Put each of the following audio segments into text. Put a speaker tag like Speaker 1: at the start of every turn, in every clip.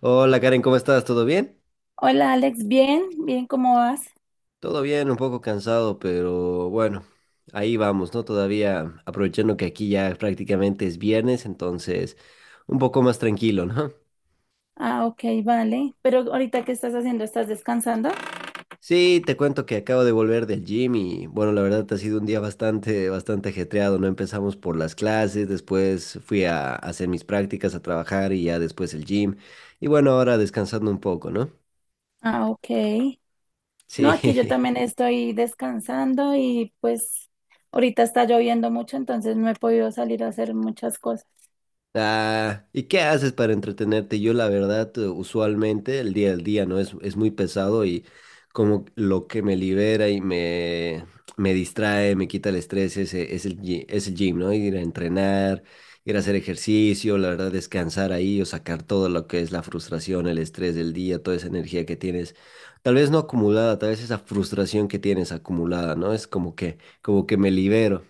Speaker 1: Hola Karen, ¿cómo estás? ¿Todo bien?
Speaker 2: Hola Alex, bien, bien, ¿cómo vas?
Speaker 1: Todo bien, un poco cansado, pero bueno, ahí vamos, ¿no? Todavía aprovechando que aquí ya prácticamente es viernes, entonces un poco más tranquilo, ¿no?
Speaker 2: Ah, ok, vale. Pero ahorita, ¿qué estás haciendo? ¿Estás descansando?
Speaker 1: Sí, te cuento que acabo de volver del gym y bueno, la verdad ha sido un día bastante, bastante ajetreado, ¿no? Empezamos por las clases, después fui a hacer mis prácticas, a trabajar y ya después el gym. Y bueno, ahora descansando un poco, ¿no?
Speaker 2: Ah, ok. No,
Speaker 1: Sí.
Speaker 2: aquí yo también estoy descansando y pues ahorita está lloviendo mucho, entonces no he podido salir a hacer muchas cosas.
Speaker 1: Ah, ¿y qué haces para entretenerte? Yo la verdad, usualmente el día al día no es muy pesado y como lo que me libera me distrae, me quita el estrés es es el gym, ¿no? Ir a entrenar, ir a hacer ejercicio, la verdad descansar ahí o sacar todo lo que es la frustración, el estrés del día, toda esa energía que tienes, tal vez no acumulada, tal vez esa frustración que tienes acumulada, ¿no? Es como que me libero.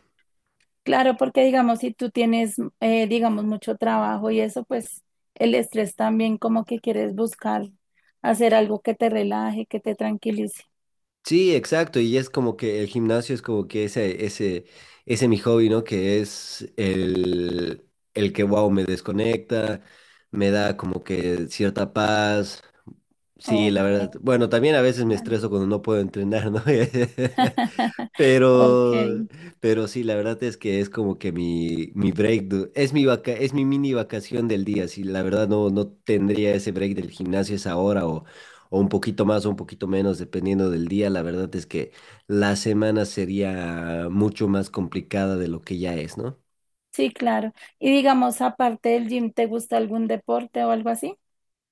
Speaker 2: Claro, porque digamos, si tú tienes, digamos, mucho trabajo y eso, pues el estrés también como que quieres buscar hacer algo que te relaje, que te tranquilice.
Speaker 1: Sí, exacto, y es como que el gimnasio es como que ese mi hobby, ¿no? Que es el que, wow, me desconecta, me da como que cierta paz. Sí,
Speaker 2: Ok,
Speaker 1: la verdad. Bueno, también a veces me
Speaker 2: man.
Speaker 1: estreso cuando no puedo entrenar, ¿no?
Speaker 2: Ok.
Speaker 1: Pero, pero sí, la verdad es que es como que mi break, es mi vaca, es mi mini vacación del día. Si la verdad no tendría ese break del gimnasio esa hora o un poquito más o un poquito menos, dependiendo del día. La verdad es que la semana sería mucho más complicada de lo que ya es, ¿no?
Speaker 2: Sí, claro. Y digamos, aparte del gym, ¿te gusta algún deporte o algo así?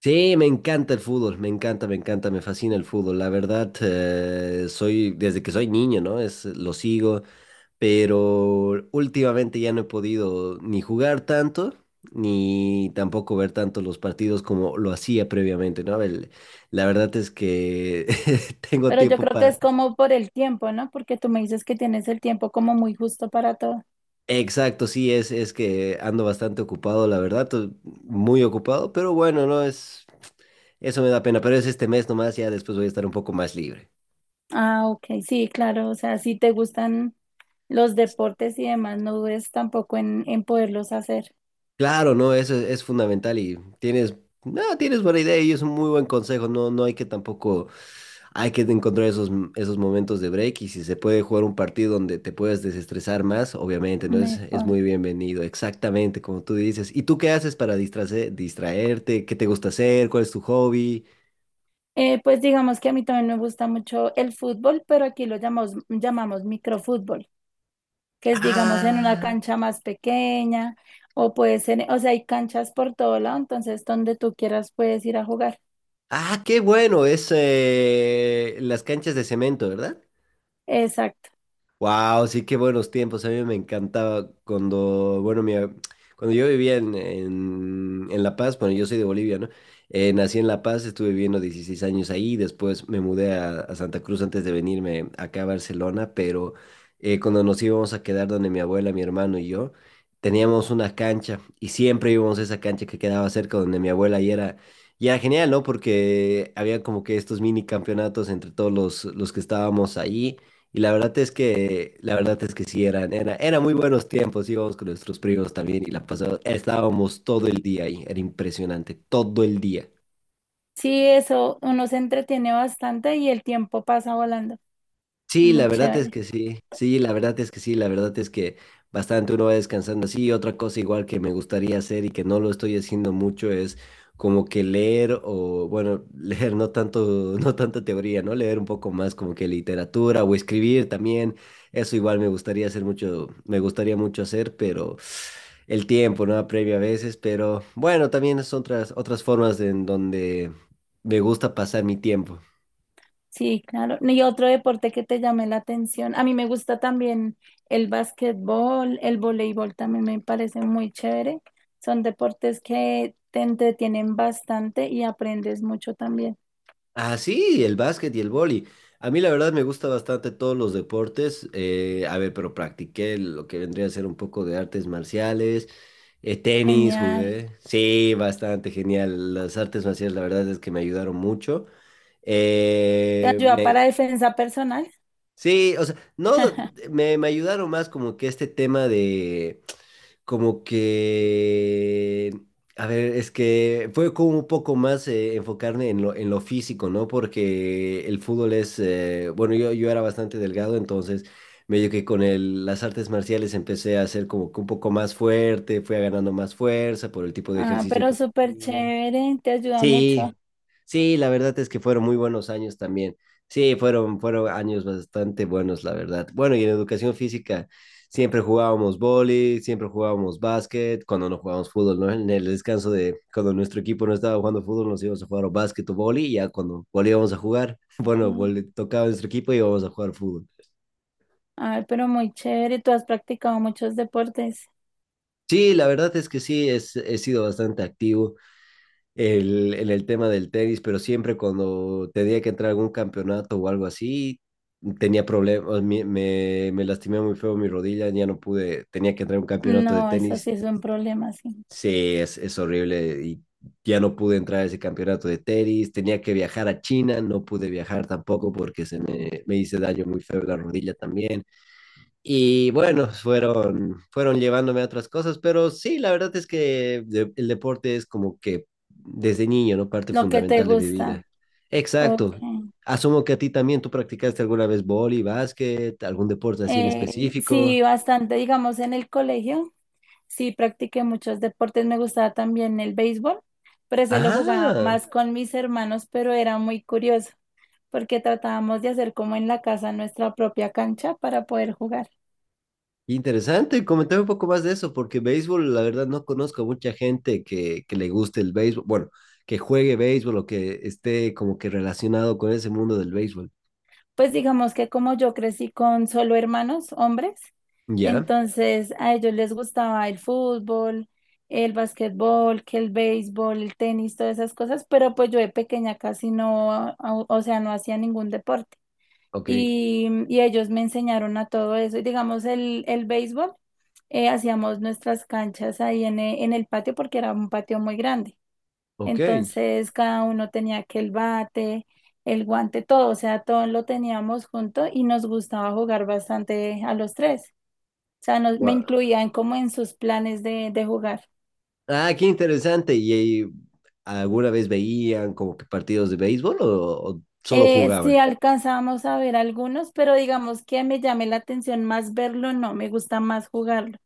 Speaker 1: Sí, me encanta el fútbol, me encanta, me encanta, me fascina el fútbol. La verdad, soy, desde que soy niño, ¿no? Es, lo sigo. Pero últimamente ya no he podido ni jugar tanto, ni tampoco ver tanto los partidos como lo hacía previamente, ¿no? La verdad es que tengo
Speaker 2: Pero yo
Speaker 1: tiempo
Speaker 2: creo que
Speaker 1: para...
Speaker 2: es como por el tiempo, ¿no? Porque tú me dices que tienes el tiempo como muy justo para todo.
Speaker 1: Exacto, sí, es que ando bastante ocupado, la verdad, muy ocupado, pero bueno, no es... Eso me da pena, pero es este mes nomás, ya después voy a estar un poco más libre.
Speaker 2: Ah, ok, sí, claro. O sea, si te gustan los deportes y demás, no dudes tampoco en poderlos hacer
Speaker 1: Claro, no, eso es fundamental y tienes, no, tienes buena idea y es un muy buen consejo, no, no hay que tampoco, hay que encontrar esos momentos de break y si se puede jugar un partido donde te puedas desestresar más, obviamente, ¿no? Es
Speaker 2: mejor.
Speaker 1: muy bienvenido, exactamente como tú dices. ¿Y tú qué haces para distraerte? ¿Qué te gusta hacer? ¿Cuál es tu hobby?
Speaker 2: Pues digamos que a mí también me gusta mucho el fútbol, pero aquí lo llamamos, llamamos microfútbol. Que es, digamos, en una
Speaker 1: Ah,
Speaker 2: cancha más pequeña, o puede ser, o sea, hay canchas por todo lado, entonces donde tú quieras puedes ir a jugar.
Speaker 1: ah, qué bueno, es las canchas de cemento, ¿verdad?
Speaker 2: Exacto.
Speaker 1: Wow, sí, qué buenos tiempos. A mí me encantaba cuando, bueno, cuando yo vivía en La Paz, bueno, yo soy de Bolivia, ¿no? Nací en La Paz, estuve viviendo 16 años ahí, después me mudé a Santa Cruz antes de venirme acá a Barcelona, pero cuando nos íbamos a quedar donde mi abuela, mi hermano y yo, teníamos una cancha y siempre íbamos a esa cancha que quedaba cerca donde mi abuela y era... Y era genial, ¿no? Porque había como que estos mini campeonatos entre todos los que estábamos ahí. Y la verdad es que, la verdad es que sí, eran, era, eran muy buenos tiempos, íbamos con nuestros primos también y la pasada, estábamos todo el día ahí, era impresionante, todo el día.
Speaker 2: Sí, eso, uno se entretiene bastante y el tiempo pasa volando.
Speaker 1: Sí,
Speaker 2: Muy
Speaker 1: la verdad es
Speaker 2: chévere.
Speaker 1: que sí, sí, la verdad es que sí, la verdad es que bastante uno va descansando así. Otra cosa igual que me gustaría hacer y que no lo estoy haciendo mucho es como que leer o, bueno, leer no tanto, no tanta teoría, ¿no? Leer un poco más como que literatura o escribir también. Eso igual me gustaría hacer mucho, me gustaría mucho hacer, pero el tiempo, ¿no? Apremia a veces, pero bueno, también son otras formas en donde me gusta pasar mi tiempo.
Speaker 2: Sí, claro. Y otro deporte que te llame la atención. A mí me gusta también el básquetbol, el voleibol también me parece muy chévere. Son deportes que te entretienen bastante y aprendes mucho también.
Speaker 1: Ah, sí, el básquet y el vóley. A mí la verdad me gusta bastante todos los deportes. A ver, pero practiqué lo que vendría a ser un poco de artes marciales, tenis
Speaker 2: Genial.
Speaker 1: jugué. Sí, bastante genial. Las artes marciales la verdad es que me ayudaron mucho.
Speaker 2: ¿Te
Speaker 1: Eh,
Speaker 2: ayuda para
Speaker 1: me,
Speaker 2: defensa personal?
Speaker 1: sí, o sea, no, me ayudaron más como que este tema de como que, a ver, es que fue como un poco más enfocarme en lo físico, ¿no? Porque el fútbol es, bueno, yo era bastante delgado, entonces medio que con las artes marciales empecé a ser como que un poco más fuerte, fui ganando más fuerza por el tipo de
Speaker 2: Ah,
Speaker 1: ejercicio
Speaker 2: pero
Speaker 1: que
Speaker 2: súper
Speaker 1: hacía.
Speaker 2: chévere, te ayuda mucho.
Speaker 1: Sí, sí, la verdad es que fueron muy buenos años también. Sí, fueron, fueron años bastante buenos, la verdad. Bueno, y en educación física siempre jugábamos vóley, siempre jugábamos básquet, cuando no jugábamos fútbol, ¿no? En el descanso de cuando nuestro equipo no estaba jugando fútbol, nos íbamos a jugar o básquet o vóley, y ya cuando volvíamos a jugar, bueno,
Speaker 2: Ay,
Speaker 1: tocaba nuestro equipo y íbamos a jugar fútbol.
Speaker 2: ay, pero muy chévere, tú has practicado muchos deportes.
Speaker 1: Sí, la verdad es que sí, es, he sido bastante activo. En el tema del tenis, pero siempre cuando tenía que entrar a algún campeonato o algo así, tenía problemas, me lastimé muy feo mi rodilla, ya no pude, tenía que entrar a un campeonato de
Speaker 2: No, eso
Speaker 1: tenis,
Speaker 2: sí es un problema, sí.
Speaker 1: sí, es horrible y ya no pude entrar a ese campeonato de tenis, tenía que viajar a China, no pude viajar tampoco porque me hice daño muy feo en la rodilla también. Y bueno, fueron, fueron llevándome a otras cosas, pero sí, la verdad es que el deporte es como que desde niño, ¿no? Parte
Speaker 2: Lo que te
Speaker 1: fundamental de mi
Speaker 2: gusta.
Speaker 1: vida.
Speaker 2: Ok.
Speaker 1: Exacto. Asumo que a ti también tú practicaste alguna vez vóley, básquet, algún deporte así en específico.
Speaker 2: Sí, bastante, digamos, en el colegio, sí practiqué muchos deportes. Me gustaba también el béisbol, pero se lo jugaba
Speaker 1: Ah,
Speaker 2: más con mis hermanos, pero era muy curioso porque tratábamos de hacer como en la casa nuestra propia cancha para poder jugar.
Speaker 1: interesante. Comentame un poco más de eso, porque béisbol, la verdad, no conozco a mucha gente que le guste el béisbol, bueno, que juegue béisbol o que esté como que relacionado con ese mundo del béisbol.
Speaker 2: Pues digamos que como yo crecí con solo hermanos, hombres,
Speaker 1: ¿Ya?
Speaker 2: entonces a ellos les gustaba el fútbol, el basquetbol, que el béisbol, el tenis, todas esas cosas, pero pues yo de pequeña casi no, o sea, no hacía ningún deporte.
Speaker 1: Ok,
Speaker 2: Y ellos me enseñaron a todo eso. Y digamos el béisbol, hacíamos nuestras canchas ahí en, en el patio porque era un patio muy grande.
Speaker 1: ok.
Speaker 2: Entonces cada uno tenía que el bate, el guante, todo, o sea, todo lo teníamos junto y nos gustaba jugar bastante a los tres. O sea, nos- me
Speaker 1: Gua-
Speaker 2: incluían como en sus planes de jugar.
Speaker 1: Ah, qué interesante. ¿Y alguna vez veían como que partidos de béisbol o solo
Speaker 2: Sí
Speaker 1: jugaban?
Speaker 2: alcanzábamos a ver algunos, pero digamos que me llame la atención más verlo, no, me gusta más jugarlo.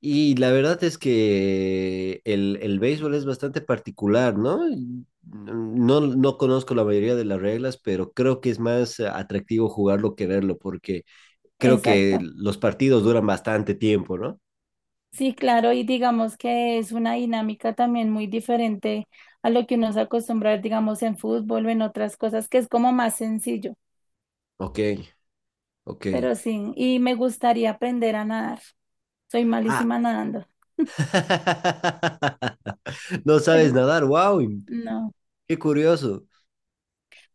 Speaker 1: Y la verdad es que el béisbol es bastante particular, ¿no? Y no, no conozco la mayoría de las reglas, pero creo que es más atractivo jugarlo que verlo, porque creo que
Speaker 2: Exacto.
Speaker 1: los partidos duran bastante tiempo, ¿no?
Speaker 2: Sí, claro, y digamos que es una dinámica también muy diferente a lo que uno se acostumbra, digamos, en fútbol o en otras cosas, que es como más sencillo.
Speaker 1: Ok, ok.
Speaker 2: Pero sí, y me gustaría aprender a nadar. Soy
Speaker 1: Ah.
Speaker 2: malísima nadando,
Speaker 1: No
Speaker 2: pero
Speaker 1: sabes nadar, wow,
Speaker 2: no.
Speaker 1: qué curioso.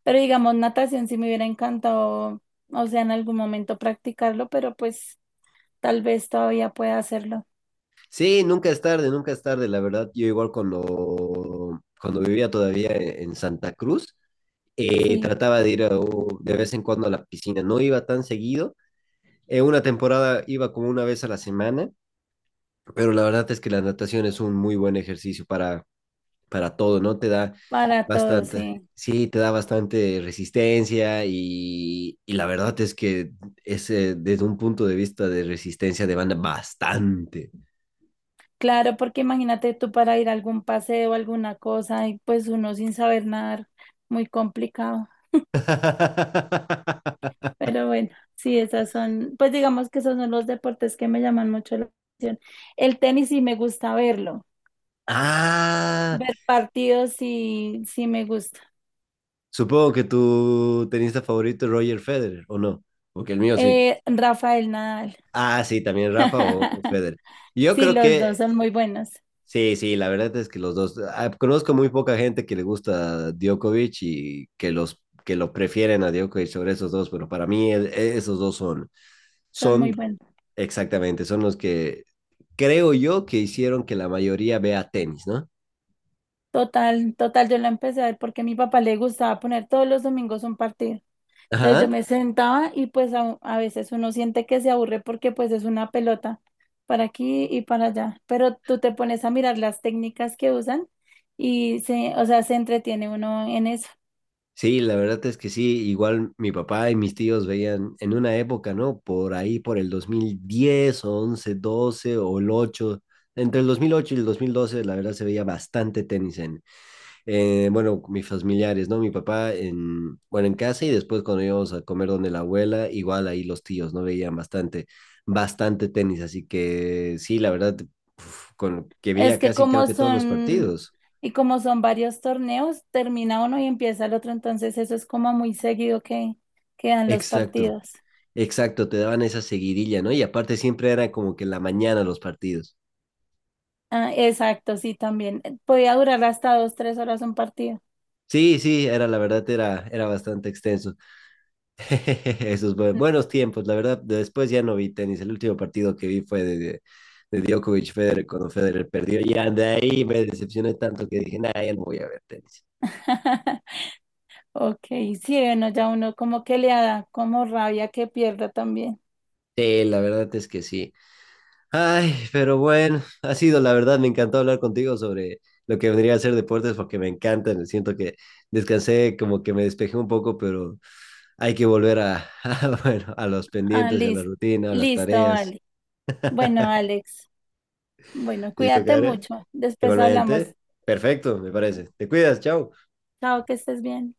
Speaker 2: Pero digamos, natación sí me hubiera encantado, o sea, en algún momento practicarlo, pero pues tal vez todavía pueda hacerlo.
Speaker 1: Sí, nunca es tarde, nunca es tarde, la verdad. Yo igual cuando, cuando vivía todavía en Santa Cruz,
Speaker 2: Sí,
Speaker 1: trataba de ir a de vez en cuando a la piscina. No iba tan seguido. En una temporada iba como una vez a la semana, pero la verdad es que la natación es un muy buen ejercicio para todo, ¿no? Te da
Speaker 2: para todo,
Speaker 1: bastante,
Speaker 2: sí.
Speaker 1: sí, te da bastante resistencia y la verdad es que es desde un punto de vista de resistencia de banda bastante.
Speaker 2: Claro, porque imagínate tú para ir a algún paseo, alguna cosa, y pues uno sin saber nadar, muy complicado. Pero bueno, sí, esas son, pues digamos que esos son los deportes que me llaman mucho la atención. El tenis sí me gusta verlo.
Speaker 1: Ah,
Speaker 2: Ver partidos sí, sí me gusta.
Speaker 1: supongo que tu tenista favorito es Roger Federer, ¿o no? Porque el mío sí.
Speaker 2: Rafael Nadal.
Speaker 1: Ah, sí, también Rafa o Federer. Yo
Speaker 2: Sí,
Speaker 1: creo
Speaker 2: los
Speaker 1: que
Speaker 2: dos son muy buenos,
Speaker 1: sí, sí, la verdad es que los dos. Ah, conozco muy poca gente que le gusta Djokovic y que los que lo prefieren a Djokovic sobre esos dos, pero para mí esos dos son,
Speaker 2: son muy
Speaker 1: son
Speaker 2: buenos.
Speaker 1: exactamente, son los que creo yo que hicieron que la mayoría vea tenis, ¿no?
Speaker 2: Total, total, yo la empecé a ver porque a mi papá le gustaba poner todos los domingos un partido. Entonces yo
Speaker 1: Ajá.
Speaker 2: me sentaba y pues a veces uno siente que se aburre porque pues es una pelota para aquí y para allá. Pero tú te pones a mirar las técnicas que usan y se, o sea, se entretiene uno en eso.
Speaker 1: Sí, la verdad es que sí, igual mi papá y mis tíos veían en una época, ¿no? Por ahí, por el 2010 o 2011, 2012 o el 8 entre el 2008 y el 2012 la verdad se veía bastante tenis en, bueno, mis familiares, ¿no? Mi papá en, bueno, en casa y después cuando íbamos a comer donde la abuela, igual ahí los tíos, ¿no? Veían bastante, bastante tenis, así que sí, la verdad, uf, con, que
Speaker 2: Es
Speaker 1: veía
Speaker 2: que
Speaker 1: casi creo
Speaker 2: como
Speaker 1: que todos los
Speaker 2: son,
Speaker 1: partidos.
Speaker 2: y como son varios torneos, termina uno y empieza el otro, entonces eso es como muy seguido que quedan los
Speaker 1: Exacto.
Speaker 2: partidos.
Speaker 1: Exacto, te daban esa seguidilla, ¿no? Y aparte siempre era como que en la mañana los partidos.
Speaker 2: Ah, exacto, sí, también. Podía durar hasta 2, 3 horas un partido.
Speaker 1: Sí, sí, era la verdad, era, era bastante extenso. Esos
Speaker 2: Mm.
Speaker 1: buenos tiempos, la verdad, después ya no vi tenis. El último partido que vi fue de Djokovic Federer cuando Federer perdió. Y de ahí me decepcioné tanto que dije, nah, ya no voy a ver tenis.
Speaker 2: Ok, sí, bueno, ya uno como que le da como rabia que pierda también.
Speaker 1: Sí, la verdad es que sí. Ay, pero bueno, ha sido la verdad, me encantó hablar contigo sobre lo que vendría a ser deportes porque me encantan. Siento que descansé, como que me despejé un poco, pero hay que volver a, a, bueno, a los
Speaker 2: Ah,
Speaker 1: pendientes, a la
Speaker 2: listo,
Speaker 1: rutina, a las
Speaker 2: listo,
Speaker 1: tareas.
Speaker 2: vale. Bueno, Alex, bueno,
Speaker 1: ¿Listo,
Speaker 2: cuídate
Speaker 1: Karen?
Speaker 2: mucho. Después hablamos.
Speaker 1: Igualmente. Perfecto, me parece. Te cuidas, chao.
Speaker 2: Chao, que estés bien.